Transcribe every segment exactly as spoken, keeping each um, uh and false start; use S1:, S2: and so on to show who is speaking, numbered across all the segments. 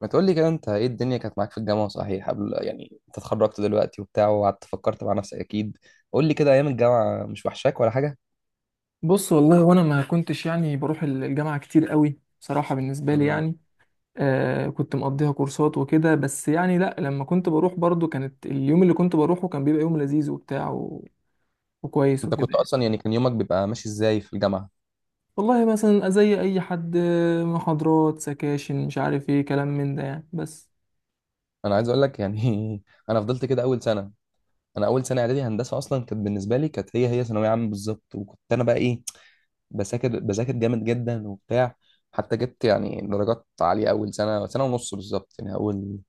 S1: ما تقول لي كده، انت ايه، الدنيا كانت معاك في الجامعه صحيح؟ قبل يعني انت اتخرجت دلوقتي وبتاع وقعدت فكرت مع نفسك اكيد. قول لي كده، ايام الجامعه مش وحشاك ولا حاجه؟
S2: بص، والله وانا ما كنتش يعني بروح الجامعة كتير قوي بصراحة بالنسبة لي
S1: مم.
S2: يعني. آه كنت مقضيها كورسات وكده بس يعني لا لما كنت بروح برضو كانت اليوم اللي كنت بروحه كان بيبقى يوم لذيذ وبتاع و... وكويس
S1: انت
S2: وكده
S1: كنت
S2: يعني.
S1: اصلا يعني كان يومك بيبقى ماشي ازاي في الجامعه؟
S2: والله مثلا زي اي حد، آه، محاضرات سكاشن مش عارف ايه كلام من ده يعني بس.
S1: انا عايز اقول لك يعني انا فضلت كده اول سنه. انا اول سنه اعدادي هندسه اصلا كانت بالنسبه لي كانت هي هي ثانويه عامه بالظبط، وكنت انا بقى ايه، بذاكر، بذاكر جامد جدا وبتاع. حتى جبت يعني درجات عاليه اول سنه، سنه ونص بالظبط، يعني اول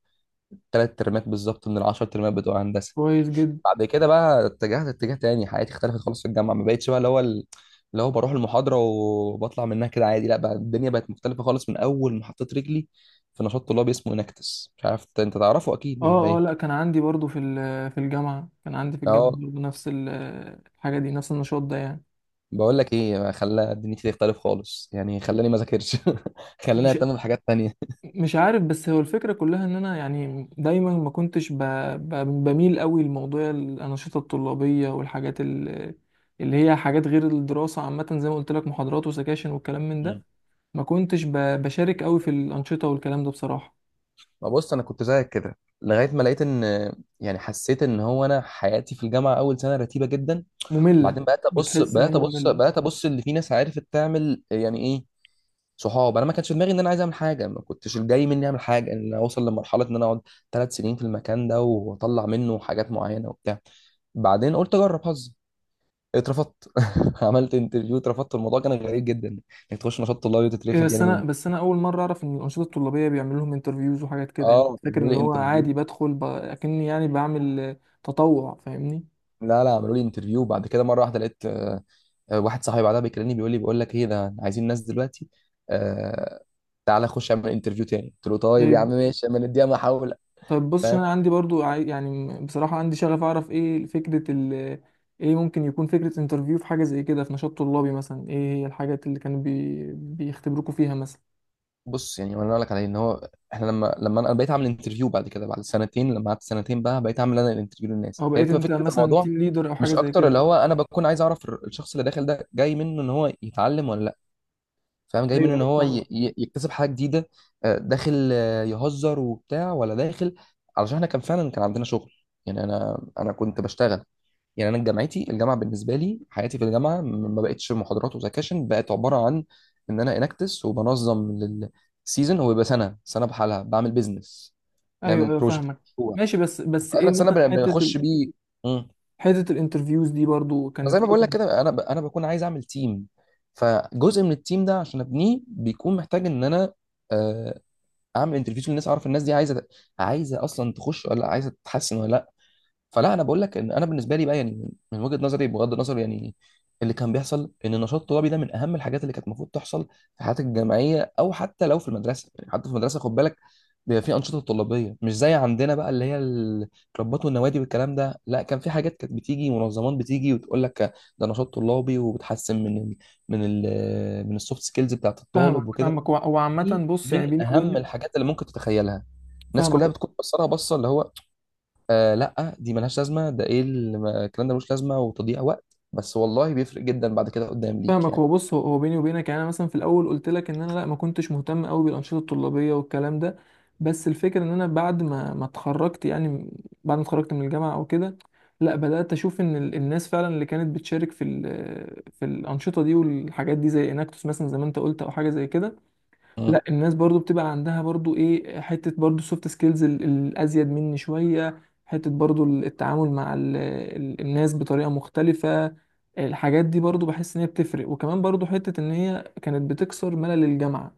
S1: ثلاث ترمات بالظبط من العشر ترمات بتوع هندسه.
S2: كويس جدا.
S1: بعد كده بقى اتجهت اتجاه تاني، حياتي اختلفت خالص في الجامعه، ما بقتش بقى اللي هو ال- اللي هو بروح المحاضره وبطلع منها كده عادي، لا بقى الدنيا بقت مختلفه خالص من اول ما حطيت رجلي في نشاط طلابي اسمه انكتس، مش عارف انت تعرفه اكيد ولا
S2: اه اه،
S1: ايه.
S2: لا كان عندي برضو في ال- في الجامعة كان عندي في الجامعة
S1: اه
S2: برضو نفس ال- الحاجة دي نفس النشاط ده يعني.
S1: بقول لك ايه، خلى دنيتي تختلف خالص، يعني خلاني ما ذاكرش. خلاني
S2: مش
S1: اهتم بحاجات تانية.
S2: مش عارف، بس هو الفكرة كلها ان انا يعني دايما ما كنتش ب... ب... بميل قوي لموضوع الانشطة الطلابية والحاجات ال... اللي هي حاجات غير الدراسة عامة زي ما قلت لك محاضرات وسكاشن والكلام من ده.
S1: مم.
S2: ما كنتش ب... بشارك قوي في الانشطة والكلام ده بصراحة.
S1: ما بص، انا كنت زيك كده لغايه ما لقيت ان يعني حسيت ان هو انا حياتي في الجامعه اول سنه رتيبه جدا.
S2: مملة.
S1: بعدين بقيت ابص،
S2: بتحس ان هي
S1: بقيت ابص،
S2: مملة.
S1: بقيت ابص اللي في ناس عرفت تعمل يعني ايه، صحاب. انا ما كانش في دماغي ان انا عايز اعمل حاجه، ما كنتش الجاي مني اعمل حاجه، ان انا اوصل لمرحله ان انا اقعد ثلاث سنين في المكان ده واطلع منه حاجات معينه وبتاع. بعدين قلت اجرب حظي. اترفضت. عملت انترفيو، اترفضت. الموضوع كان غريب جدا، انك تخش نشاط طلابي
S2: إيه،
S1: وتترفض
S2: بس
S1: يعني
S2: انا
S1: من.
S2: بس انا اول مرة اعرف ان الانشطة الطلابية بيعملوا لهم انترفيوز وحاجات كده يعني
S1: اه،
S2: كنت فاكر
S1: عملوا
S2: ان
S1: لي
S2: هو
S1: انترفيو.
S2: عادي بدخل ب... اكني يعني بعمل تطوع، فاهمني؟
S1: لا لا، عملوا لي انترفيو. بعد كده مره واحده لقيت آه، واحد صاحبي بعدها بيكلمني، بيقول لي، بيقول لك ايه، ده عايزين ناس دلوقتي. آه تعالى خش اعمل انترفيو تاني. قلت له طيب يا عم
S2: طيب.
S1: ماشي، اما نديها محاوله.
S2: طيب بص، عشان
S1: فاهم؟
S2: انا عندي برضو عاي- يعني بصراحة عندي شغف اعرف ايه فكرة ال ايه ممكن يكون فكرة انترفيو في حاجة زي كده في نشاط طلابي مثلا، ايه هي الحاجات اللي كانوا بي... بيختبروكوا فيها مثلا،
S1: بص، يعني وانا اقول لك عليه، ان هو احنا لما لما انا بقيت اعمل انترفيو بعد كده بعد سنتين، لما قعدت سنتين بقى بقيت اعمل انا الانترفيو للناس،
S2: او
S1: هي
S2: بقيت
S1: بتبقى
S2: انت
S1: فكره
S2: مثلا
S1: الموضوع
S2: تيم ليدر او حاجة
S1: مش
S2: زي
S1: اكتر.
S2: كده؟
S1: اللي هو انا بكون عايز اعرف الشخص اللي داخل ده جاي منه ان هو يتعلم ولا لا. فاهم؟ جاي من
S2: ايوه
S1: ان
S2: ايوه،
S1: هو ي-
S2: فاهمك.
S1: ي- يكتسب حاجه جديده، آه، داخل آه، يهزر وبتاع ولا داخل. علشان احنا كان فعلا كان عندنا شغل. يعني انا انا كنت بشتغل. يعني انا جامعتي، الجامعه بالنسبه لي، حياتي في الجامعه م- ما بقتش محاضرات وسكاشن، بقت عباره عن ان انا انكتس، وبنظم للسيزون هو بيبقى سنه سنه بحالها، بعمل بيزنس،
S2: ايوه
S1: نعمل
S2: ايوه،
S1: بروجكت
S2: فاهمك.
S1: في
S2: ماشي، بس بس
S1: اخر
S2: ايه
S1: السنه
S2: مثلا
S1: بن-
S2: حتة ال...
S1: بنخش بيه.
S2: حتة الانترفيوز دي برضو
S1: زي
S2: كانت
S1: ما بقول لك
S2: ايه؟
S1: كده، انا ب... انا بكون عايز اعمل تيم، فجزء من التيم ده عشان ابنيه بيكون محتاج ان انا آه، اعمل انترفيو للناس، اعرف الناس دي عايزه، عايزه اصلا تخش ولا لأ، عايزه تتحسن ولا. فلا، انا بقول لك ان انا بالنسبه لي بقى، يعني من وجهه نظري، بغض النظر يعني اللي كان بيحصل، ان النشاط الطلابي ده من اهم الحاجات اللي كانت المفروض تحصل في حياتك الجامعيه، او حتى لو في المدرسه. يعني حتى في المدرسه خد بالك بيبقى في انشطه طلابيه، مش زي عندنا بقى اللي هي الكلوبات والنوادي والكلام ده. لا، كان في حاجات كانت بتيجي منظمات بتيجي وتقول لك ده نشاط طلابي، وبتحسن من ال من ال من السوفت سكيلز بتاعت
S2: فاهمك
S1: الطالب وكده.
S2: فاهمك، وع- وعامة
S1: دي
S2: بص يعني
S1: من
S2: بيني
S1: اهم
S2: وبينك.
S1: الحاجات اللي ممكن تتخيلها. الناس كلها
S2: فاهمك
S1: بتكون بصلها بصه اللي هو، آه لا دي ملهاش لازمه، ده ايه اللي ما- الكلام ده ملوش لازمه وتضييع وقت. بس والله بيفرق جدا بعد كده قدام ليك
S2: فاهمك
S1: يعني.
S2: هو بص، هو هو بيني وبينك يعني انا مثلا في الاول قلت لك ان انا لا ما كنتش مهتم قوي بالانشطه الطلابيه والكلام ده. بس الفكره ان انا بعد ما ما اتخرجت يعني بعد ما اتخرجت من الجامعه او كده، لا بدات اشوف ان ال- الناس فعلا اللي كانت بتشارك في ال- في الانشطه دي والحاجات دي زي اناكتوس مثلا زي ما انت قلت او حاجه زي كده.
S1: مم.
S2: لا الناس برضو بتبقى عندها برضو ايه، حتة برضو السوفت سكيلز الازيد مني شوية، حتة برضو التعامل مع ال ال الناس بطريقة مختلفة. الحاجات دي برضو بحس ان هي بتفرق، وكمان برضو حتة ان هي كانت بتكسر ملل الجامعة.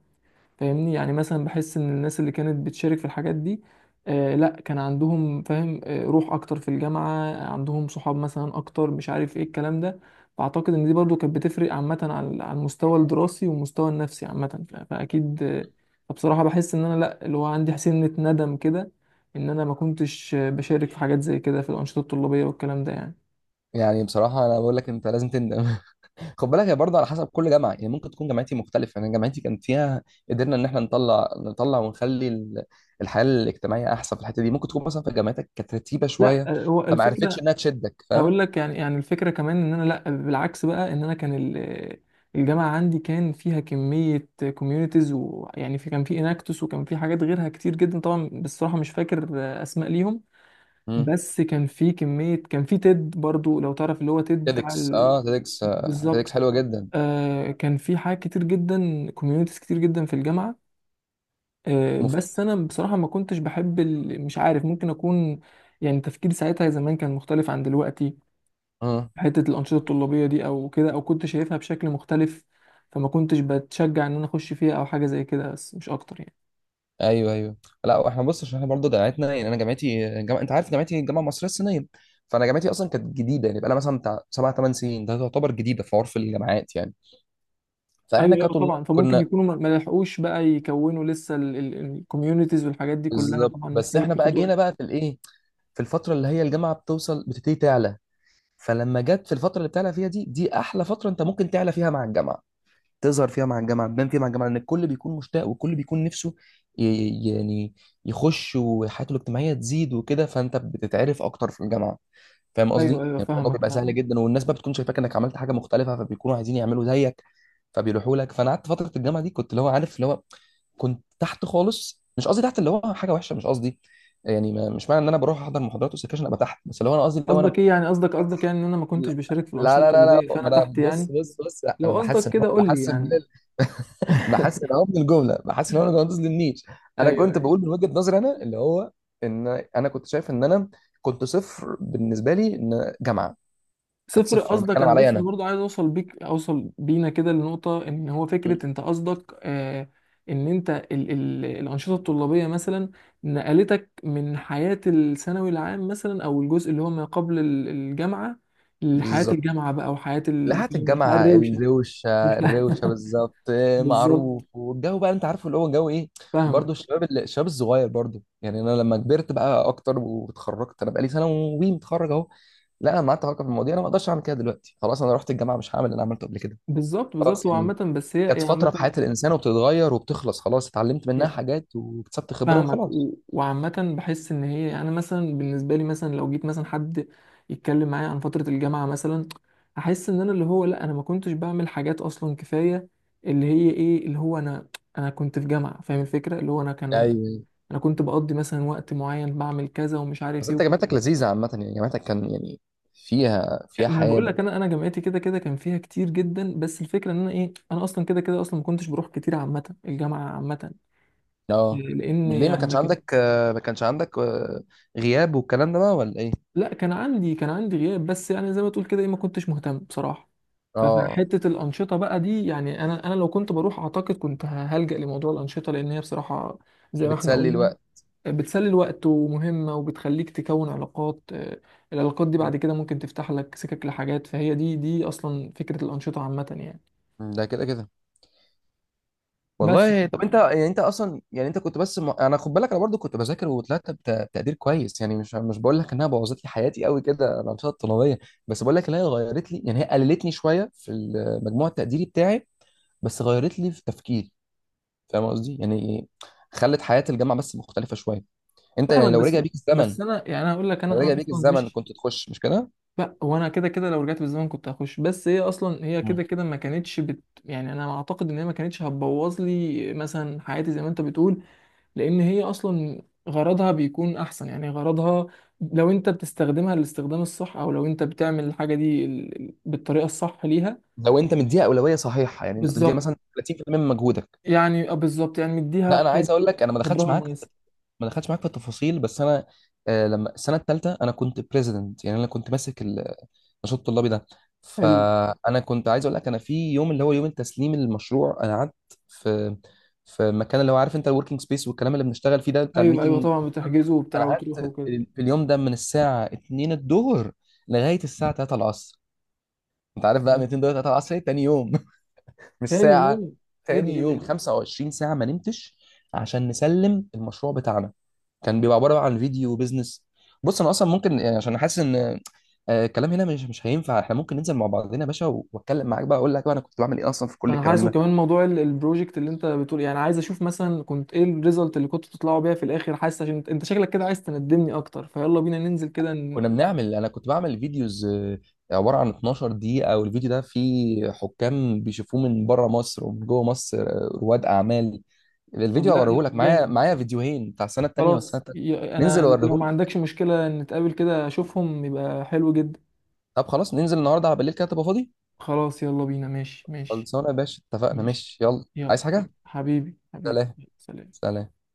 S2: فاهمني؟ يعني مثلا بحس ان الناس اللي كانت بتشارك في الحاجات دي، آه لا كان عندهم فاهم آه روح اكتر في الجامعة، عندهم صحاب مثلا اكتر، مش عارف ايه الكلام ده. فاعتقد ان دي برضو كانت بتفرق عامة على على المستوى الدراسي والمستوى النفسي عامة، ف- فاكيد آه. فبصراحة بحس ان انا لا اللي هو عندي سنة ندم كده، ان انا ما كنتش آه، بشارك في حاجات زي كده في الانشطة الطلابية والكلام ده يعني.
S1: يعني بصراحه انا بقول لك انت لازم تندم. خد بالك هي برضه على حسب كل جامعه، يعني ممكن تكون جامعتي مختلفه. يعني جامعتي كان فيها، قدرنا ان احنا نطلع، نطلع ونخلي ال- الحياه الاجتماعيه احسن في الحته دي. ممكن تكون مثلا في جامعتك كانت رتيبه
S2: لا
S1: شويه،
S2: آه، هو
S1: فما عرفتش
S2: الفكرة.
S1: انها تشدك، فاهم.
S2: هقول لك يعني يعني الفكره كمان ان انا لا بالعكس بقى، ان انا كان ال- الجامعه عندي كان فيها كميه كوميونيتيز ويعني في كان في اناكتوس وكان في حاجات غيرها كتير جدا طبعا، بصراحه مش فاكر اسماء ليهم.
S1: مم.
S2: بس كان في كميه، كان في تيد برضو لو تعرف، اللي هو تيد بتاع
S1: تيدكس،
S2: ال...
S1: اه تيدكس، آه تيدكس
S2: بالظبط.
S1: حلوه جدا،
S2: آه كان في حاجات كتير جدا، كوميونيتيز كتير جدا في الجامعه. آه بس انا بصراحه ما كنتش بحب ال... مش عارف، ممكن اكون يعني تفكيري ساعتها زمان كان مختلف عن دلوقتي.
S1: مفيده.
S2: حتة الأنشطة الطلابية دي أو كده، أو كنت شايفها بشكل مختلف. فما كنتش بتشجع إن أنا أخش فيها أو حاجة زي كده، بس مش أكتر يعني.
S1: ايوه، ايوه. لا احنا بص، عشان احنا برضه جامعتنا، يعني انا جامعتي، جامعة، انت عارف جامعتي، الجامعه المصريه الصينيه. فانا جامعتي اصلا كانت جديده، يعني بقى لها مثلا بتاع سبع ثمان سنين، ده تعتبر جديده في عرف الجامعات يعني.
S2: أيوه
S1: فاحنا
S2: أيوه
S1: كطلاب
S2: طبعا، فممكن
S1: كنا،
S2: يكونوا ما ما لحقوش بقى يكونوا لسه الكوميونيتيز والحاجات دي كلها
S1: بالظبط.
S2: طبعا
S1: بس
S2: محتاجة
S1: احنا بقى
S2: بتاخد وقت.
S1: جينا بقى في الايه، في الفتره اللي هي الجامعه بتوصل، بتبتدي تعلى. فلما جت في الفتره اللي بتعلى فيها دي، دي احلى فتره انت ممكن تعلى فيها مع الجامعه، تظهر فيها مع الجامعه، تبان فيها مع الجامعه، لان الكل بيكون مشتاق والكل بيكون نفسه ي- يعني يخش وحياته الاجتماعيه تزيد وكده، فانت بتتعرف اكتر في الجامعه. فاهم
S2: أيوه
S1: قصدي؟
S2: أيوه
S1: يعني الموضوع
S2: فاهمك
S1: بيبقى
S2: فاهمك.
S1: سهل جدا، والناس بقى بتكون شايفاك انك عملت حاجه مختلفه، فبيكونوا عايزين يعملوا زيك، فبيروحوا لك. فانا قعدت فتره الجامعه دي كنت اللي هو، عارف اللي هو، كنت تحت خالص. مش قصدي تحت اللي هو حاجه وحشه، مش قصدي يعني، ما مش معنى ان انا بروح احضر محاضرات وسكاشن ابقى تحت، بس اللي هو انا قصدي اللي هو انا.
S2: قصدك إيه يعني؟ قصدك قصدك يعني إن أنا ما كنتش
S1: لا
S2: بشارك في الأنشطة
S1: لا لا لا، لا
S2: الطلابية
S1: ما
S2: فأنا
S1: انا
S2: تحت
S1: بص
S2: يعني؟
S1: بص بص، لا
S2: لو
S1: انا بحس
S2: قصدك
S1: ان
S2: كده
S1: هو،
S2: قول لي
S1: بحس ان من
S2: يعني.
S1: ال... بحس ان هو من الجمله، بحس ان هو ما تظلمنيش. انا كنت
S2: أيوه.
S1: بقول من وجهه نظري، انا اللي هو، ان انا كنت شايف ان انا كنت صفر بالنسبه لي ان جامعه، كانت
S2: صفر
S1: صفر، انا
S2: قصدك،
S1: بتكلم
S2: انا
S1: عليا
S2: بس
S1: انا.
S2: برضه عايز اوصل بيك، اوصل بينا كده لنقطه ان هو
S1: م.
S2: فكره انت قصدك آه ان انت ال ال الانشطه الطلابيه مثلا نقلتك من حياه الثانوي العام مثلا او الجزء اللي هو ما قبل ال- الجامعه لحياه
S1: بالظبط.
S2: الجامعه بقى، وحياه ال-
S1: لحقت
S2: الحياه
S1: الجامعه
S2: الروشه.
S1: الروشه. الروشه بالظبط. إيه،
S2: بالظبط.
S1: معروف، والجو بقى انت عارفه اللي هو جو ايه.
S2: فاهمك.
S1: برضه الشباب ال- الشباب الصغير برضه. يعني انا لما كبرت بقى اكتر واتخرجت، انا بقالي سنه وي متخرج، لا انا لما قعدت افكر في المواضيع، انا ما اقدرش اعمل كده دلوقتي، خلاص، انا رحت الجامعه مش هعمل اللي انا عملته قبل كده.
S2: بالظبط بالظبط،
S1: خلاص يعني،
S2: وعامه بس هي
S1: كانت
S2: هي
S1: فتره في
S2: عامه.
S1: حياه الانسان، وبتتغير وبتخلص. خلاص، اتعلمت منها
S2: هي
S1: حاجات واكتسبت خبره
S2: فاهمك
S1: وخلاص.
S2: و... وعامة بحس إن هي يعني، أنا مثلا بالنسبة لي مثلا لو جيت مثلا حد يتكلم معايا عن فترة الجامعة مثلا، أحس إن أنا اللي هو لأ أنا ما كنتش بعمل حاجات أصلا كفاية. اللي هي إيه، اللي هو أنا، أنا كنت في جامعة فاهم الفكرة اللي هو أنا كان،
S1: ايوه.
S2: أنا كنت بقضي مثلا وقت معين بعمل كذا ومش عارف
S1: بس
S2: إيه
S1: انت
S2: وكده.
S1: جامعتك لذيذه عامه، يعني جامعتك كان يعني فيها، فيها
S2: ما أنا
S1: حياه
S2: بقول لك،
S1: برضه.
S2: أنا أنا جامعتي كده كده كان فيها كتير جدا، بس الفكرة إن أنا إيه، أنا أصلا كده كده أصلا ما كنتش بروح كتير عامة، الجامعة عامة،
S1: اه.
S2: لأن
S1: ليه ما
S2: يعني
S1: كانش
S2: ما كان-
S1: عندك آه، ما كانش عندك آه، غياب والكلام ده بقى ولا ايه؟
S2: لا كان عندي كان عندي غياب بس يعني زي ما تقول كده ايه ما كنتش مهتم بصراحة.
S1: اه.
S2: فحتة الأنشطة بقى دي يعني، أنا أنا لو كنت بروح أعتقد كنت هلجأ لموضوع الأنشطة، لأن هي بصراحة زي ما احنا
S1: بتسلي
S2: قلنا
S1: الوقت.
S2: بتسلي الوقت ومهمة وبتخليك تكون علاقات، آه، العلاقات دي
S1: مم.
S2: بعد كده ممكن تفتح لك سكك لحاجات، فهي دي دي أصلا فكرة الأنشطة عامة يعني.
S1: ده كده كده.
S2: بس
S1: والله، طب انت يعني انت اصلا يعني انت كنت بس م... يعني انا خد بالك، انا برضو كنت بذاكر وطلعت بت- بتقدير كويس. يعني مش مش بقول لك انها بوظت لي حياتي قوي كده الانشطه الطلابيه، بس بقول لك ان هي غيرت لي، يعني هي قللتني شويه في المجموع التقديري بتاعي، بس غيرت لي في تفكيري. فاهم قصدي يعني؟ خلت حياه الجامعه بس مختلفه شويه. انت يعني
S2: فاهمك.
S1: لو
S2: بس
S1: رجع بيك الزمن،
S2: بس أنا يعني، أنا أقول لك،
S1: لو
S2: أنا
S1: رجع
S2: أنا
S1: بيك
S2: أصلا
S1: الزمن
S2: مش.
S1: كنت تخش مش كده؟
S2: لا وانا كده كده لو رجعت بالزمن كنت هخش، بس هي اصلا هي كده
S1: مم.
S2: كده ما كانتش بت... يعني انا اعتقد ان هي ما كانتش هتبوظ لي مثلا حياتي زي ما انت بتقول، لان هي اصلا غرضها بيكون احسن، يعني غرضها لو انت بتستخدمها للاستخدام الصح، او لو انت بتعمل الحاجه دي ال- ال- بالطريقه الصح ليها.
S1: لو انت مديها اولويه صحيحه، يعني انت بتديها
S2: بالظبط.
S1: مثلا ثلاثين بالمئة من مجهودك.
S2: يعني آه بالظبط، يعني مديها
S1: لا انا عايز اقول
S2: قدر-
S1: لك، انا ما دخلتش
S2: قدرها
S1: معاك،
S2: المناسب.
S1: ما دخلتش معاك في التفاصيل، بس انا آه، لما السنه الثالثه انا كنت بريزيدنت، يعني انا كنت ماسك ال- النشاط الطلابي ده.
S2: حلو.
S1: فانا كنت عايز اقول لك، انا في يوم اللي هو يوم التسليم المشروع، انا قعدت في، في المكان اللي هو عارف انت، الوركينج سبيس والكلام اللي بنشتغل فيه ده بتاع
S2: ايوه ايوه
S1: الميتنج
S2: طبعا،
S1: والكلام ده.
S2: بتحجزه
S1: انا
S2: وبتاع وتروح
S1: قعدت
S2: وكده.
S1: في اليوم ده من الساعه اتنين الظهر لغايه الساعه الثالثة العصر. انت عارف بقى، من الثانية دقيقة الثالثة العصر إيه؟ تاني يوم. مش
S2: تاني
S1: ساعه،
S2: يوم. ايه ده
S1: تاني
S2: ايه ده ايه
S1: يوم.
S2: ده.
S1: خمسة وعشرين ساعه ما نمتش عشان نسلم المشروع بتاعنا. كان بيبقى عباره بقى عن فيديو بيزنس. بص انا اصلا ممكن يعني، عشان حاسس ان آه، الكلام هنا مش مش هينفع، احنا ممكن ننزل مع بعضنا يا باشا و- واتكلم معاك بقى، اقول لك بقى انا كنت بعمل ايه اصلا في كل
S2: انا حاسس،
S1: الكلام ده.
S2: وكمان موضوع ال- البروجكت اللي انت بتقول، يعني عايز اشوف مثلا كنت ايه الريزلت اللي كنتوا بتطلعوا بيها في الاخر. حاسس عشان انت إنت شكلك كده عايز تندمني اكتر، فيلا بينا ننزل كده ن...
S1: كنا بنعمل، انا كنت بعمل فيديوز آه، عباره عن اتناشر دقيقه، والفيديو ده فيه حكام بيشوفوه من بره مصر ومن جوه مصر، آه، رواد اعمال.
S2: طب
S1: الفيديو
S2: لا
S1: هوريه
S2: لا،
S1: لك، معايا،
S2: جامد.
S1: معايا فيديوهين بتاع السنه التانيه والسنه
S2: خلاص
S1: التالته.
S2: ي-
S1: ننزل
S2: انا ل- لو
S1: اوريه
S2: ما
S1: لك.
S2: عندكش مشكلة نتقابل كده اشوفهم يبقى حلو جدا.
S1: طب خلاص ننزل النهارده على بالليل كده تبقى فاضي.
S2: خلاص يلا بينا ماشي ماشي.
S1: خلصانه يا باشا، اتفقنا،
S2: ماشي
S1: ماشي، يلا
S2: يلا.
S1: عايز حاجه؟
S2: حبيبي حبيبي.
S1: سلام.
S2: سلام.
S1: سلام.